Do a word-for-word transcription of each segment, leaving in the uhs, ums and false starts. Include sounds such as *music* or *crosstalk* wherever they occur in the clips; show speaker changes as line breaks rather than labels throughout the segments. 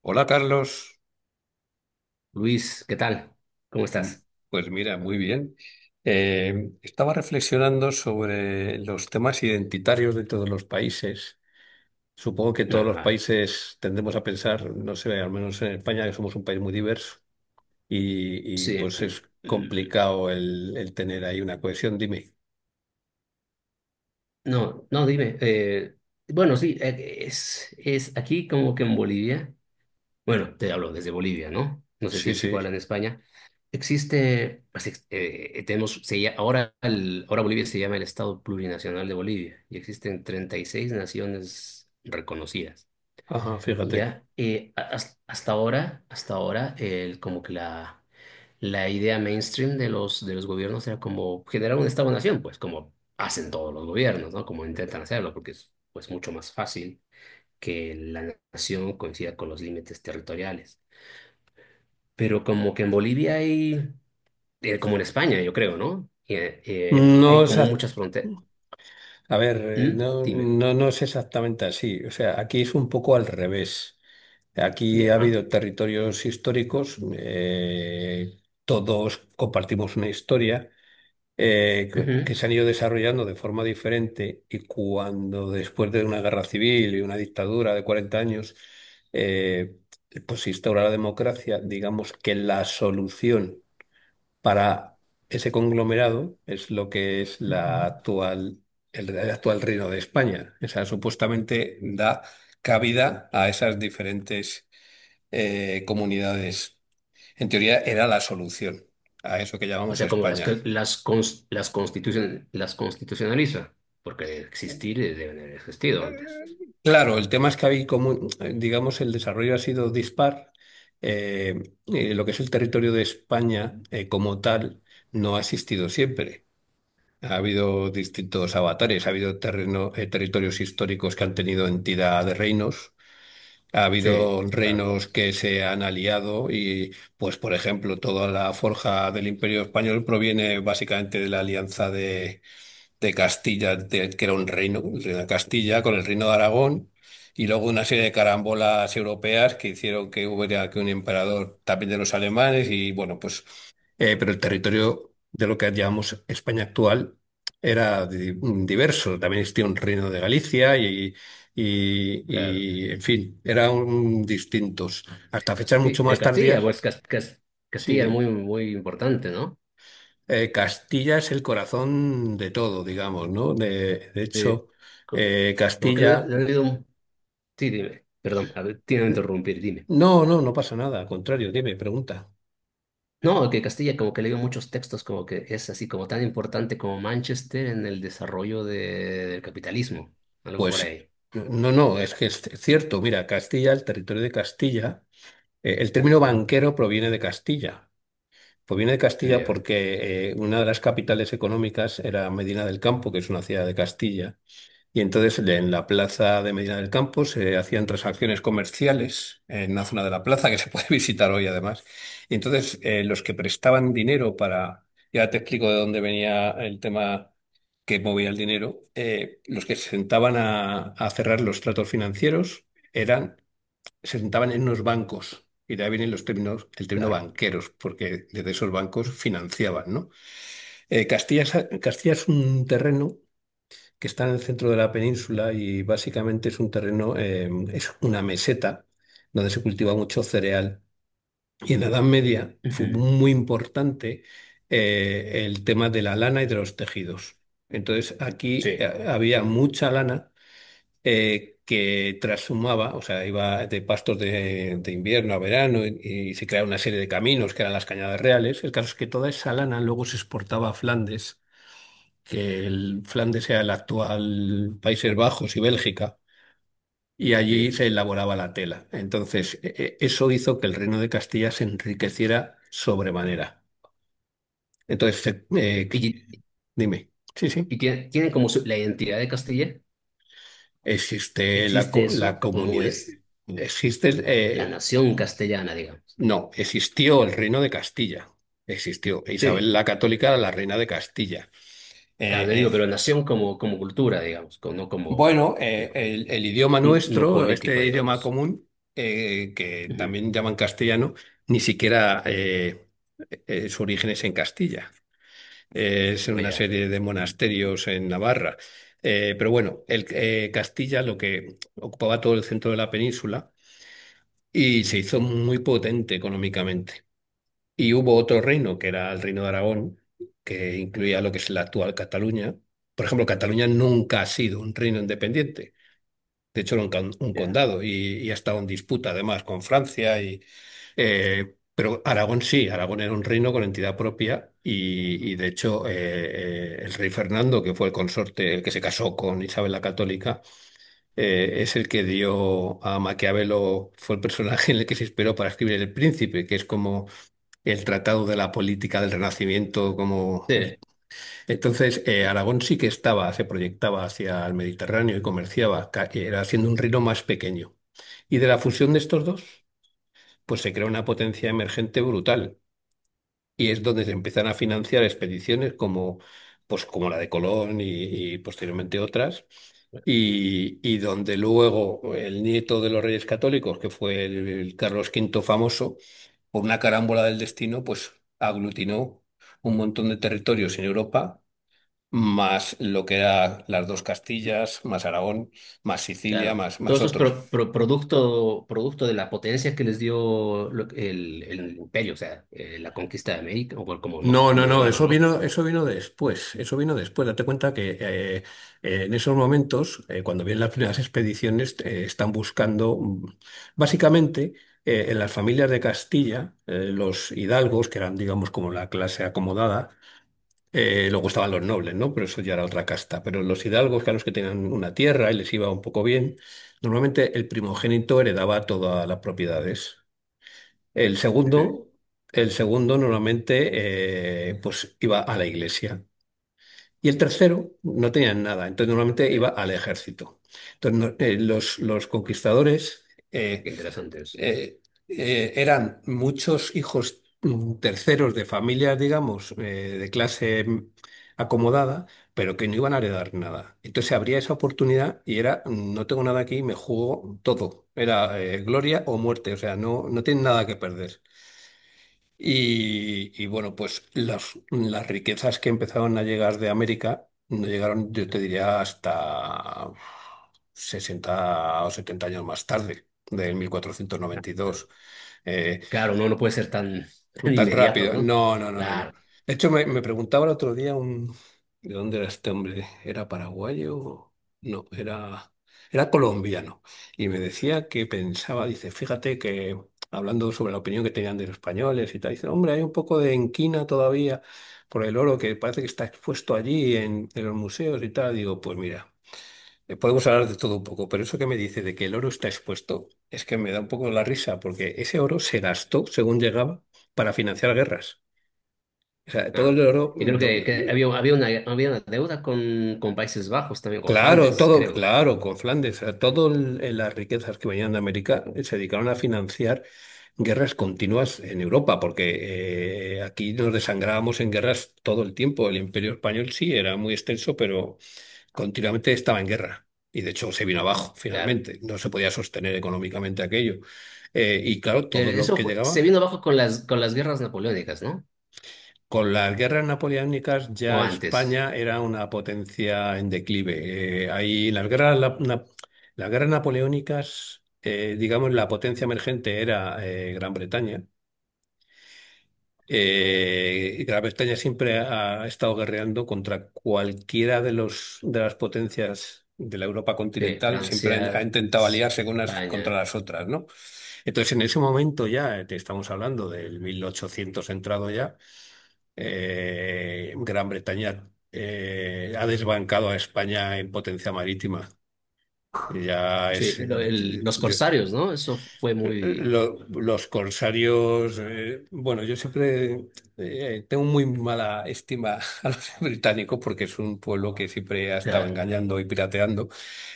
Hola Carlos.
Luis, ¿qué tal? ¿Cómo
Mm,
estás?
pues mira, muy bien. Eh, estaba reflexionando sobre los temas identitarios de todos los países. Supongo que todos los
Ah,
países tendemos a pensar, no sé, al menos en España, que somos un país muy diverso y, y,
sí.
pues es
Mm,
complicado el, el tener ahí una cohesión, dime.
No, no, dime. eh, bueno, sí, eh, es, es aquí como que en Bolivia. Bueno, te hablo desde Bolivia, ¿no? No sé si
Sí,
es
sí,
igual en España. Existe, pues, ex- eh, tenemos, se lla- ahora, el- ahora Bolivia se llama el Estado Plurinacional de Bolivia y existen treinta y seis naciones reconocidas.
ajá, fíjate.
Ya, eh, a- has- hasta ahora, hasta ahora, el, como que la... la idea mainstream de los, de los gobiernos era como generar un Estado-nación, pues como hacen todos los gobiernos, ¿no? Como intentan hacerlo, porque es, pues, mucho más fácil que la nación coincida con los límites territoriales. Pero como que en Bolivia hay, eh, como en España, yo creo, ¿no? Eh, eh,
No
hay
es
como muchas fronteras.
A ver, eh, no,
Dime.
no, no es exactamente así. O sea, aquí es un poco al revés. Aquí ha
Ya.
habido territorios históricos, eh, todos compartimos una historia, eh, que que
Ujú.
se han ido desarrollando de forma diferente y cuando después de una guerra civil y una dictadura de cuarenta años, eh, pues se instaura la democracia, digamos que la solución para ese conglomerado es lo que es la
Ujú.
actual, el, el actual Reino de España. O sea, supuestamente da cabida a esas diferentes eh, comunidades. En teoría era la solución a eso que
O
llamamos
sea, como las,
España.
que- las, cons- las, constitucion- las constitucionaliza, porque de existir, eh, deben haber existido antes.
Claro, el tema es que hay como, digamos, el desarrollo ha sido dispar. Eh, eh, lo que es el territorio de España eh, como tal no ha existido siempre. Ha habido distintos avatares, ha habido terreno- eh, territorios históricos que han tenido entidad de reinos, ha
Sí,
habido
claro,
reinos que se han aliado y, pues, por ejemplo, toda la forja del Imperio Español proviene básicamente de la alianza de, de Castilla, de- que era un reino, el reino de Castilla, con el reino de Aragón, y luego una serie de carambolas europeas que hicieron que hubiera que un emperador también de los alemanes y, bueno, pues. Eh, pero el territorio de lo que llamamos España actual era di- mm, diverso. También existía un reino de Galicia y, y-
claro.
y, en fin, eran distintos. Hasta fechas mucho
Casti- de
más
Castilla,
tardías,
pues Cas- Cas-
sí,
Castilla es
dime.
muy, muy importante, ¿no?
Eh, Castilla es el corazón de todo, digamos, ¿no? De, de
Sí.
hecho,
Co-
eh,
Como que le,
Castilla...
le han leído... Sí, dime, perdón, a ver, tiene que interrumpir, dime.
No, no, no pasa nada. Al contrario, dime, pregunta.
No, que Castilla como que le dio muchos textos, como que es así como tan importante como Manchester en el desarrollo de- del capitalismo, algo por
Pues
ahí.
no, no, es que es cierto. Mira, Castilla, el territorio de Castilla, eh, el término banquero proviene de Castilla. Pues viene de Castilla
Ya,
porque eh, una de las capitales económicas era Medina del Campo, que es una ciudad de Castilla. Y entonces en la plaza de Medina del Campo se hacían transacciones comerciales en la zona de la plaza, que se puede *laughs* visitar hoy además. Y entonces eh, los que prestaban dinero para... Ya te explico de dónde venía el tema que movía el dinero. Eh, los que se sentaban a, a cerrar los tratos financieros eran se sentaban en unos bancos. Y de ahí vienen los términos, el término
claro.
banqueros, porque desde esos bancos financiaban, ¿no? Eh, Castilla, es- Castilla es un terreno que está en el centro de la península y básicamente es un terreno, eh, es una meseta donde se cultiva mucho cereal. Y en la Edad Media fue
Ujú.
muy importante eh, el tema de la lana y de los tejidos. Entonces aquí
Sí,
eh, había mucha lana eh, que trashumaba, o sea, iba de pastos de, de invierno a verano y, y se crearon una serie de caminos que eran las cañadas reales. El caso es que toda esa lana luego se exportaba a Flandes, que el Flandes sea el actual Países Bajos y Bélgica, y allí
sí,
se elaboraba la tela. Entonces, e- e- eso hizo que el reino de Castilla se enriqueciera sobremanera. Entonces, se-
sí.
eh,
Y,
dime, sí, sí,
y tiene, tiene como su- la identidad de Castilla,
existe la,
existe
co- la
eso como
comunidad,
es
existe...
la
eh,
nación castellana, digamos.
no, existió el reino de Castilla. Existió.
Sí.
Isabel la Católica era la reina de Castilla.
Claro, te digo,
Eh,
pero
eh,
nación como, como cultura, digamos, como, no como,
bueno, eh,
no,
el, el idioma
no no
nuestro,
político,
este idioma
digamos.
común, eh, que
Ujú.
también llaman castellano, ni siquiera eh, eh, su origen es en Castilla. Eh, es en
No,
una
ya,
serie de monasterios en Navarra. Eh, pero bueno, el, eh, Castilla lo que ocupaba todo el centro de la península y se hizo muy potente económicamente. Y hubo otro reino, que era el reino de Aragón, que incluía lo que es la actual Cataluña. Por ejemplo, Cataluña nunca ha sido un reino independiente. De hecho, era un, con- un
ya.
condado y, y ha estado en disputa además con Francia. Y, eh, pero Aragón sí, Aragón era un reino con entidad propia y, y, de hecho eh, eh, el rey Fernando, que fue el consorte, el que se casó con Isabel la Católica, eh, es el que dio a Maquiavelo, fue el personaje en el que se inspiró para escribir El Príncipe, que es como el Tratado de la Política del Renacimiento como
Sí,
el- Entonces, eh,
c-
Aragón sí que estaba, se proyectaba hacia el Mediterráneo y comerciaba, ca- era haciendo un reino más pequeño. Y de la fusión de estos dos, pues se crea una potencia emergente brutal. Y es donde se empiezan a financiar expediciones como, pues, como la de Colón y, y posteriormente otras. Y, y donde luego el nieto de los reyes católicos, que fue el el Carlos Quinto famoso, por una carámbola del destino, pues aglutinó un montón de territorios en Europa, más lo que eran las dos Castillas, más Aragón, más Sicilia,
claro.
más,
Todo
más
eso es
otros.
pro- pro- producto, producto de la potencia que les dio lo- el, el imperio, o sea, eh, la conquista de América, o como, no,
No, no,
como
no,
llamarlo,
eso
¿no?
vino, eso vino después, eso vino después. Date cuenta que eh, eh, en esos momentos, eh, cuando vienen las primeras expediciones, eh, están buscando, mm, básicamente, eh, en las familias de Castilla, eh, los hidalgos, que eran, digamos, como la clase acomodada. Eh, luego estaban los nobles, ¿no? Pero eso ya era otra casta. Pero los hidalgos, que eran los que tenían una tierra y les iba un poco bien, normalmente el primogénito heredaba todas las propiedades. El
Ujú.
segundo, el segundo normalmente eh, pues iba a la iglesia. Y el tercero no tenía nada, entonces normalmente
Sí,
iba al ejército. Entonces no- eh, los, los conquistadores, eh,
qué interesante eso.
eh, eh, eran muchos hijos mm, terceros de familias, digamos, eh, de clase mm, acomodada, pero que no iban a heredar nada. Entonces habría esa oportunidad y era, mm, no tengo nada aquí, me juego todo. Era eh, gloria o muerte, o sea, no, no tienen nada que perder. Y, y bueno, pues las, las riquezas que empezaron a llegar de América no llegaron, yo te diría, hasta sesenta o setenta años más tarde, del mil cuatrocientos noventa y dos eh,
Claro, no, no puede ser tan, *laughs* tan
tan
inmediato,
rápido.
¿no?
No, no, no, no, no.
Claro.
De hecho, me, me preguntaba el otro día un, ¿de dónde era este hombre? ¿Era paraguayo? No, era, era colombiano. Y me decía que pensaba, dice, fíjate que hablando sobre la opinión que tenían de los españoles y tal, dice, hombre, hay un poco de enquina todavía por el oro que parece que está expuesto allí en, en los museos y tal. Digo, pues mira. Eh, Podemos hablar de todo un poco, pero eso que me dice de que el oro está expuesto es que me da un poco la risa, porque ese oro se gastó según llegaba para financiar guerras. O sea, todo
Ah.
el oro,
Y creo
do-
que, que había, había una, había una deuda con, con Países Bajos, también con
claro,
Flandes,
todo,
creo.
claro, con Flandes, todas las riquezas que venían de América eh, se dedicaron a financiar guerras continuas en Europa, porque eh, aquí nos desangrábamos en guerras todo el tiempo. El Imperio Español sí era muy extenso, pero continuamente estaba en guerra y de hecho se vino abajo
Claro.
finalmente. No se podía sostener económicamente aquello. Eh, y claro, todo
Eh,
lo
Eso
que
fue- se
llegaba.
vino abajo con las, con las guerras napoleónicas, ¿no?
Con las guerras napoleónicas
O
ya
antes.
España era una potencia en declive. Eh, ahí las guerras, la- na- las guerras napoleónicas, eh, digamos, la potencia emergente era eh, Gran Bretaña. Eh, y Gran Bretaña siempre ha, estado guerreando contra cualquiera de los de las potencias de la Europa
Sí,
continental, siempre ha, ha
Francia,
intentado aliarse con unas contra
España.
las otras, ¿no? Entonces, en ese momento ya, eh, te estamos hablando del mil ochocientos entrado ya, eh, Gran Bretaña eh, ha desbancado a España en potencia marítima. Ya
Sí,
es,
lo- el- los
yo-
corsarios, ¿no? Eso fue
eh, eh,
muy
Lo- los corsarios, eh, bueno, yo siempre eh, tengo muy mala estima *laughs* a los británicos porque es un pueblo que siempre ha estado
claro.
engañando y pirateando.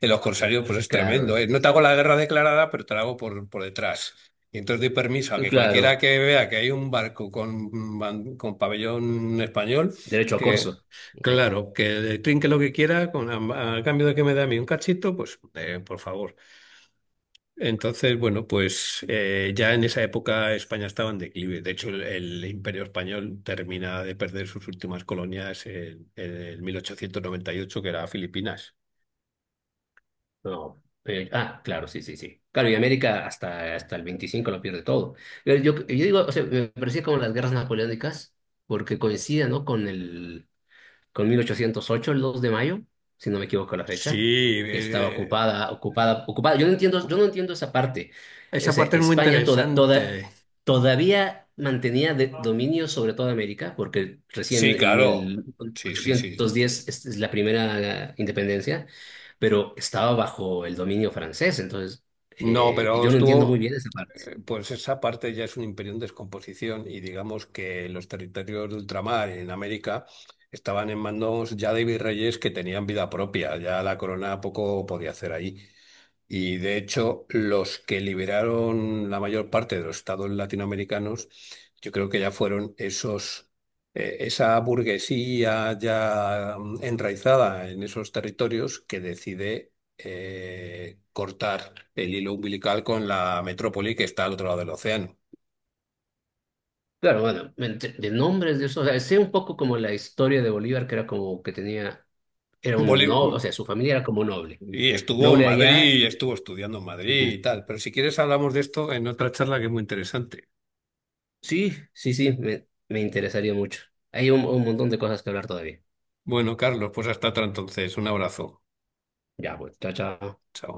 En los corsarios, pues es tremendo, ¿eh?
Claro,
No te hago la guerra declarada, pero te la hago por, por detrás. Y entonces doy permiso a que cualquiera
claro.
que vea que hay un barco con, ban- con pabellón español,
Derecho a
que
corso. Sí.
claro, que le trinque lo que quiera, con, a, a cambio de que me dé a mí un cachito, pues eh, por favor. Entonces, bueno, pues eh, ya en esa época España estaba en declive. De hecho, el, el Imperio Español termina de perder sus últimas colonias en, en el mil ochocientos noventa y ocho, que era Filipinas.
No. Eh, ah, claro, sí, sí, sí. Claro, y América hasta, hasta el veinticinco lo pierde todo. Yo, yo, yo digo, o sea, me parecía como las guerras napoleónicas, porque coincidía, ¿no? Con el, con mil ochocientos ocho, el dos de mayo, si no me equivoco la fecha,
Sí,
que estaba
eh,
ocupada, ocupada, ocupada. Yo no entiendo, yo no entiendo esa parte.
esa parte
Ese,
es muy
España toda, toda,
interesante.
todavía mantenía de- dominio sobre toda América, porque recién
Sí,
en
claro. Sí, sí, sí.
mil ochocientos diez es, es la primera independencia, pero estaba bajo el dominio francés. Entonces,
No,
eh,
pero
yo no entiendo muy
estuvo.
bien esa parte.
Eh, Pues esa parte ya es un imperio en descomposición y digamos que los territorios de ultramar en América estaban en manos ya de virreyes que tenían vida propia, ya la corona poco podía hacer ahí. Y de hecho, los que liberaron la mayor parte de los estados latinoamericanos, yo creo que ya fueron esos, eh, esa burguesía ya mm, enraizada en esos territorios que decide eh, cortar el hilo umbilical con la metrópoli que está al otro lado del océano.
Claro, bueno, ent- de nombres de eso, o sea, sé un poco como la historia de Bolívar, que era como que tenía... Era un
Boli-
noble, o sea, su familia era como noble.
y estuvo en
Noble
Madrid,
allá.
y estuvo estudiando en Madrid y
Ujú.
tal, pero si quieres hablamos de esto en otra charla que es muy interesante.
Sí, sí, sí, me, me interesaría mucho. Hay un, un montón de cosas que hablar todavía.
Bueno, Carlos, pues hasta otra entonces. Un abrazo.
Ya, pues, chao, chao.
Chao.